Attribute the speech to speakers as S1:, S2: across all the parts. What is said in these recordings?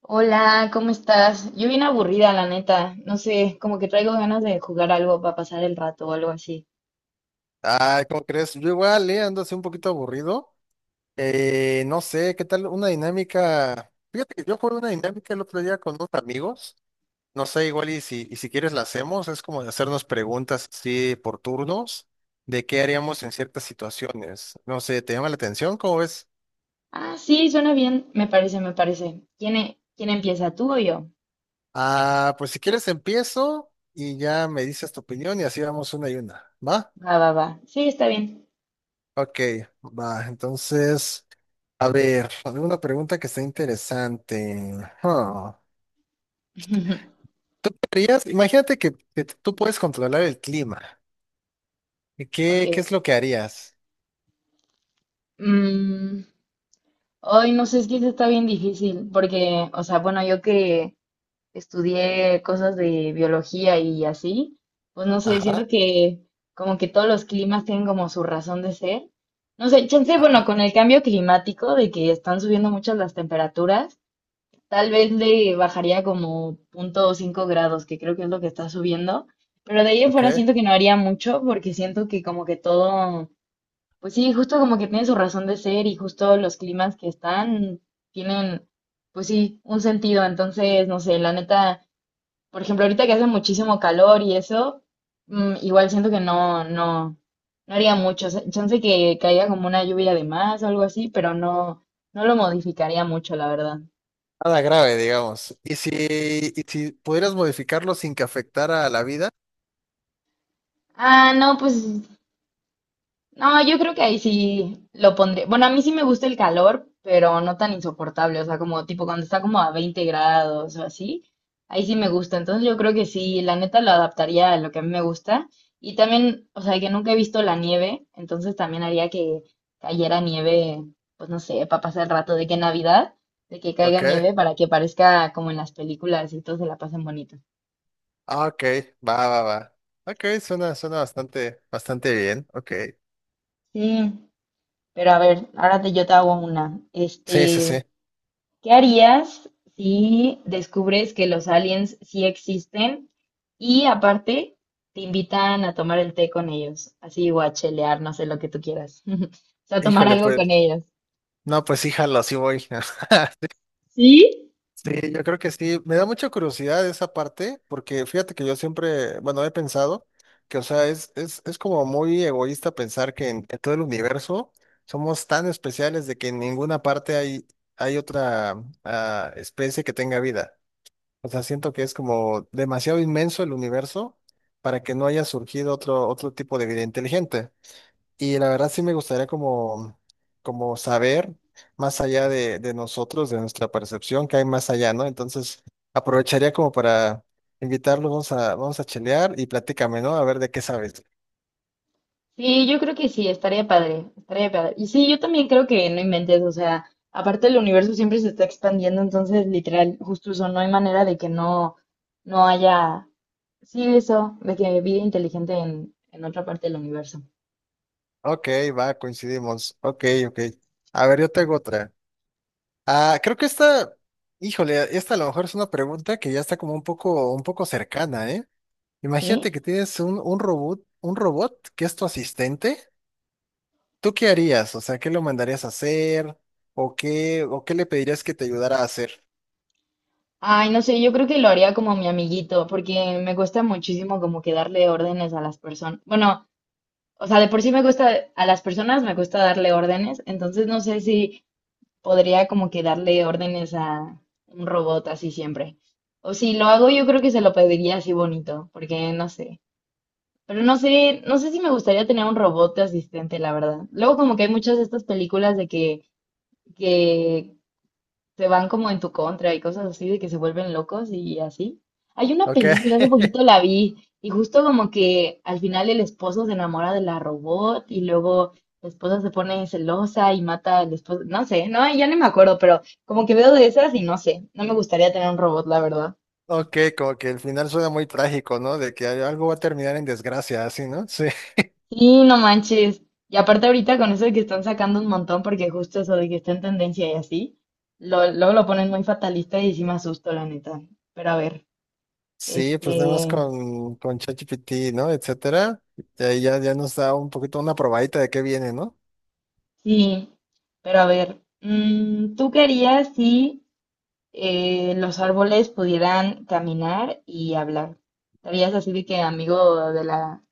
S1: Hola, ¿cómo estás? Yo bien aburrida, la neta. No sé, como que traigo ganas de jugar algo para pasar el rato o algo así.
S2: Ah, ¿cómo crees? Yo igual, ando así un poquito aburrido. No sé, ¿qué tal una dinámica? Fíjate que yo jugué una dinámica el otro día con unos amigos. No sé, igual y si quieres la hacemos, es como de hacernos preguntas así por turnos de qué haríamos en ciertas situaciones. No sé, ¿te llama la atención? ¿Cómo ves?
S1: Ah, sí, suena bien, me parece, me parece. ¿Quién empieza, tú o yo?
S2: Ah, pues si quieres empiezo y ya me dices tu opinión y así vamos una y una. ¿Va?
S1: Va, va, va. Sí, está bien.
S2: Ok, va. Entonces, a ver, alguna pregunta que está interesante. Huh. ¿Tú qué harías? Imagínate que tú puedes controlar el clima. ¿Y
S1: Ok.
S2: ¿Qué es lo que harías?
S1: Mm, hoy no sé, es que eso está bien difícil, porque, o sea, bueno, yo que estudié cosas de biología y así, pues no sé,
S2: Ajá,
S1: siento que como que todos los climas tienen como su razón de ser. No sé, chance, bueno,
S2: ajá,
S1: con el cambio climático de que están subiendo muchas las temperaturas, tal vez le bajaría como 0,5 grados, que creo que es lo que está subiendo, pero de ahí en
S2: ok.
S1: fuera siento que no haría mucho porque siento que como que todo, pues sí, justo como que tiene su razón de ser y justo los climas que están tienen, pues sí, un sentido, entonces, no sé, la neta. Por ejemplo, ahorita que hace muchísimo calor y eso, igual siento que no, no, no haría mucho. O sea, chance que caiga como una lluvia de más o algo así, pero no, no lo modificaría mucho, la verdad.
S2: Nada grave, digamos. ¿Y si pudieras modificarlo sin que afectara a la vida?
S1: Ah, no, pues no, yo creo que ahí sí lo pondré. Bueno, a mí sí me gusta el calor, pero no tan insoportable. O sea, como tipo cuando está como a 20 grados o así. Ahí sí me gusta. Entonces yo creo que sí, la neta lo adaptaría a lo que a mí me gusta. Y también, o sea, que nunca he visto la nieve, entonces también haría que cayera nieve, pues no sé, para pasar el rato de que Navidad, de que caiga
S2: Ok,
S1: nieve para que parezca como en las películas y todos se la pasen bonito.
S2: ah, ok, va, va, va. Ok, suena bastante, bastante bien. Ok.
S1: Sí, pero a ver, yo te hago una.
S2: Sí, sí, sí.
S1: ¿Qué harías si descubres que los aliens sí existen y aparte te invitan a tomar el té con ellos? Así o a chelear, no sé, lo que tú quieras. O sea, tomar
S2: Híjole,
S1: algo con
S2: pues,
S1: ellos.
S2: no, pues híjalo, sí voy.
S1: ¿Sí?
S2: Sí, yo creo que sí. Me da mucha curiosidad esa parte, porque fíjate que yo siempre, bueno, he pensado que, o sea, es como muy egoísta pensar que en todo el universo somos tan especiales de que en ninguna parte hay otra especie que tenga vida. O sea, siento que es como demasiado inmenso el universo para que no haya surgido otro tipo de vida inteligente. Y la verdad sí me gustaría como, como saber más allá de nosotros, de nuestra percepción, que hay más allá, ¿no? Entonces aprovecharía como para invitarlos, vamos a chelear y platícame, ¿no? A ver de qué sabes.
S1: Sí, yo creo que sí, estaría padre, estaría padre. Y sí, yo también creo que no inventes, o sea, aparte el universo siempre se está expandiendo, entonces literal, justo eso, no hay manera de que no, no haya, sí, eso, de que vida inteligente en otra parte del universo.
S2: Ok, va, coincidimos. Ok, ok. A ver, yo tengo otra. Ah, creo que esta, híjole, esta a lo mejor es una pregunta que ya está como un poco cercana, ¿eh? Imagínate que
S1: ¿Sí?
S2: tienes un robot, un robot que es tu asistente. ¿Tú qué harías? O sea, ¿qué lo mandarías a hacer? ¿O qué le pedirías que te ayudara a hacer?
S1: Ay, no sé, yo creo que lo haría como mi amiguito, porque me cuesta muchísimo como que darle órdenes a las personas. Bueno, o sea, de por sí me cuesta, a las personas me cuesta darle órdenes, entonces no sé si podría como que darle órdenes a un robot así siempre. O si lo hago, yo creo que se lo pediría así bonito, porque no sé. Pero no sé, no sé si me gustaría tener un robot de asistente, la verdad. Luego como que hay muchas de estas películas de que se van como en tu contra y cosas así de que se vuelven locos y así. Hay una
S2: Ok,
S1: película, hace poquito la vi y justo como que al final el esposo se enamora de la robot y luego la esposa se pone celosa y mata al esposo, no sé, no, ya no me acuerdo, pero como que veo de esas y no sé, no me gustaría tener un robot, la verdad.
S2: ok, como que el final suena muy trágico, ¿no? De que algo va a terminar en desgracia, así, ¿no? Sí,
S1: Sí, no manches. Y aparte ahorita con eso de que están sacando un montón porque justo eso de que está en tendencia y así, lo, luego lo ponen muy fatalista y sí me asusto, la neta. Pero a ver,
S2: sí, pues nada más
S1: este,
S2: con ChatGPT, ¿no? Etcétera. Y ahí ya, ya nos da un poquito una probadita de qué viene, ¿no?
S1: sí, pero a ver, ¿tú qué harías si los árboles pudieran caminar y hablar? ¿Estarías así de que amigo de la,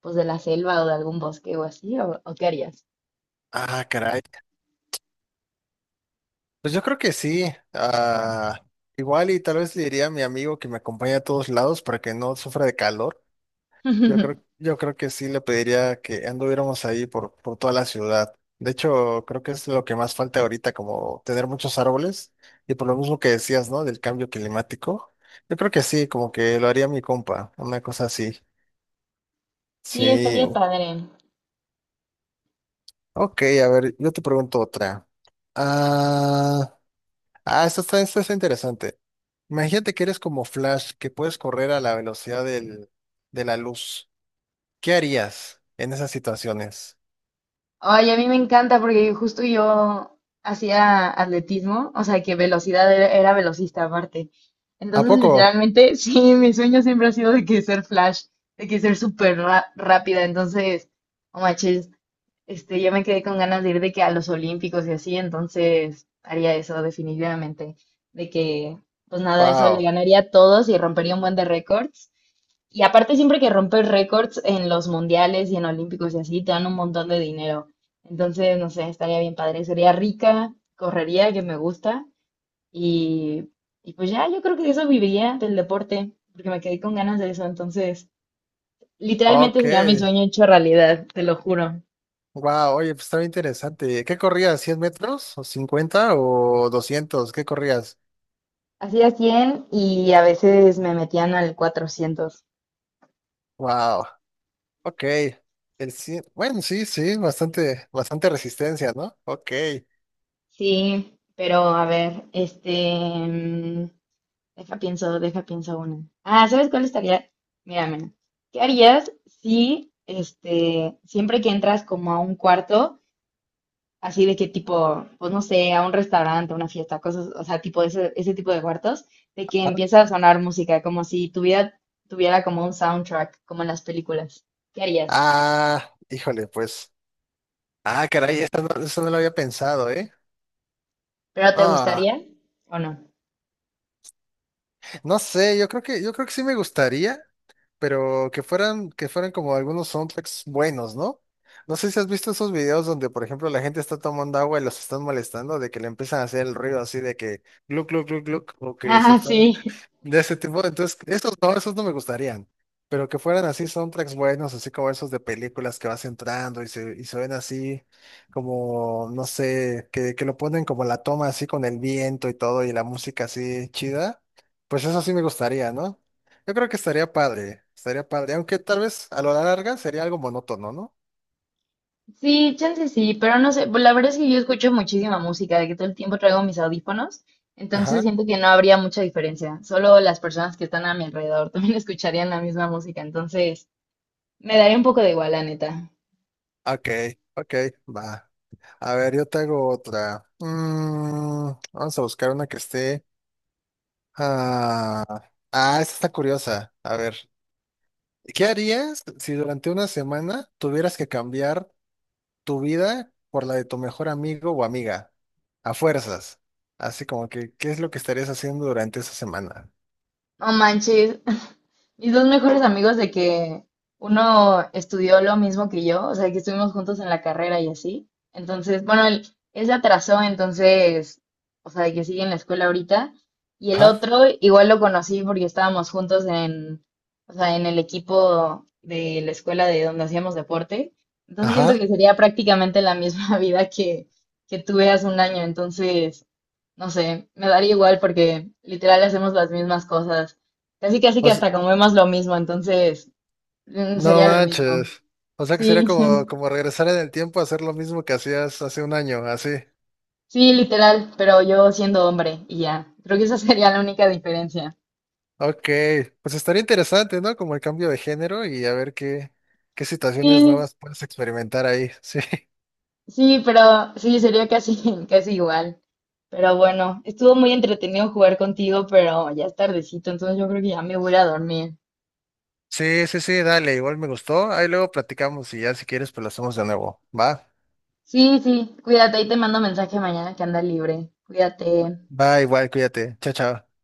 S1: pues de la selva o de algún bosque o así? O qué harías?
S2: Ah, caray. Pues yo creo que sí. Ah, igual y tal vez le diría a mi amigo que me acompañe a todos lados para que no sufra de calor. Yo creo, yo creo que sí le pediría que anduviéramos ahí por toda la ciudad. De hecho, creo que es lo que más falta ahorita, como tener muchos árboles. Y por lo mismo que decías, ¿no? Del cambio climático. Yo creo que sí, como que lo haría mi compa, una cosa así.
S1: Sí,
S2: Sí.
S1: estaría padre.
S2: Ok, a ver, yo te pregunto otra. Ah, ah, esto está interesante. Imagínate que eres como Flash, que puedes correr a la velocidad del, de la luz. ¿Qué harías en esas situaciones?
S1: Ay, a mí me encanta porque justo yo hacía atletismo, o sea que velocidad era velocista aparte.
S2: ¿A
S1: Entonces,
S2: poco?
S1: literalmente, sí, mi sueño siempre ha sido de que ser Flash, de que ser súper rápida. Entonces, no manches, yo me quedé con ganas de ir de que a los Olímpicos y así, entonces haría eso definitivamente, de que, pues nada, eso le
S2: Wow,
S1: ganaría a todos y rompería un buen de récords. Y aparte siempre que rompes récords en los mundiales y en olímpicos y así, te dan un montón de dinero. Entonces, no sé, estaría bien padre. Sería rica, correría, que me gusta. Y, y pues ya, yo creo que de eso viviría, del deporte, porque me quedé con ganas de eso. Entonces, literalmente
S2: ok,
S1: sería mi sueño hecho realidad, te lo juro.
S2: wow, oye, pues estaba interesante. ¿Qué corrías? ¿100 metros? ¿O 50? ¿O 200? ¿Qué corrías?
S1: Hacía 100 y a veces me metían al 400.
S2: Wow, ok. El cien- Bueno, sí, sí, bastante, bastante resistencia, ¿no? Ok.
S1: Sí, pero a ver, deja pienso, deja pienso una. Ah, ¿sabes cuál estaría? Mira, mira. ¿Qué harías si, siempre que entras como a un cuarto, así de que tipo, pues no sé, a un restaurante, a una fiesta, cosas, o sea, tipo ese, ese tipo de cuartos, de que
S2: Ah,
S1: empieza a sonar música, como si tu vida tuviera como un soundtrack, como en las películas. ¿Qué harías?
S2: ah, híjole, pues. Ah, caray, eso no, esta no lo había pensado, ¿eh?
S1: ¿Pero te
S2: Ah,
S1: gustaría o no?
S2: no sé, yo creo que sí me gustaría, pero que fueran como algunos soundtracks buenos, ¿no? No sé si has visto esos videos donde, por ejemplo, la gente está tomando agua y los están molestando, de que le empiezan a hacer el ruido así de que gluk, gluk, gluk, gluk, o que se
S1: Ah,
S2: están
S1: sí.
S2: de ese tipo, entonces, esos no me gustarían, pero que fueran así soundtracks buenos, así como esos de películas que vas entrando y se ven así como, no sé, que lo ponen como la toma así con el viento y todo y la música así chida, pues eso sí me gustaría, ¿no? Yo creo que estaría padre, aunque tal vez a lo larga sería algo monótono, ¿no?
S1: Sí, chance sí, pero no sé, pues, la verdad es que yo escucho muchísima música, de que todo el tiempo traigo mis audífonos, entonces
S2: Ajá,
S1: siento que no habría mucha diferencia, solo las personas que están a mi alrededor también escucharían la misma música, entonces me daría un poco de igual, la neta.
S2: ok, ok, va. A ver, yo te hago otra. Mm, vamos a buscar una que esté. Ah, ah, esta está curiosa. A ver, ¿qué harías si durante una semana tuvieras que cambiar tu vida por la de tu mejor amigo o amiga? A fuerzas. Así como que, ¿qué es lo que estarías haciendo durante esa semana?
S1: No manches, mis dos mejores amigos de que uno estudió lo mismo que yo, o sea, que estuvimos juntos en la carrera y así. Entonces, bueno, él se atrasó, entonces, o sea, de que sigue en la escuela ahorita. Y el
S2: Ajá,
S1: otro, igual lo conocí porque estábamos juntos en, o sea, en el equipo de la escuela de donde hacíamos deporte. Entonces siento
S2: ajá.
S1: que sería prácticamente la misma vida que tuve hace un año. Entonces, no sé, me daría igual porque literal hacemos las mismas cosas. Casi, casi
S2: O
S1: que
S2: s-
S1: hasta comemos lo mismo, entonces mm,
S2: no
S1: sería lo mismo.
S2: manches. O sea que sería
S1: Sí,
S2: como, como regresar en el tiempo a hacer lo mismo que hacías hace un año, así.
S1: sí, literal, pero yo siendo hombre y ya. Creo que esa sería la única diferencia.
S2: Ok, pues estaría interesante, ¿no? Como el cambio de género y a ver qué, qué situaciones
S1: Sí,
S2: nuevas puedes experimentar ahí. Sí.
S1: sí, pero sí, sería casi, casi igual. Pero bueno, estuvo muy entretenido jugar contigo, pero ya es tardecito, entonces yo creo que ya me voy a ir a dormir.
S2: Sí, sí, sí, dale, igual me gustó. Ahí luego platicamos y ya si quieres, pues lo hacemos de nuevo. Va,
S1: Sí, sí, cuídate, ahí te mando mensaje mañana que anda libre. Cuídate.
S2: va, igual, cuídate. Chao, chao.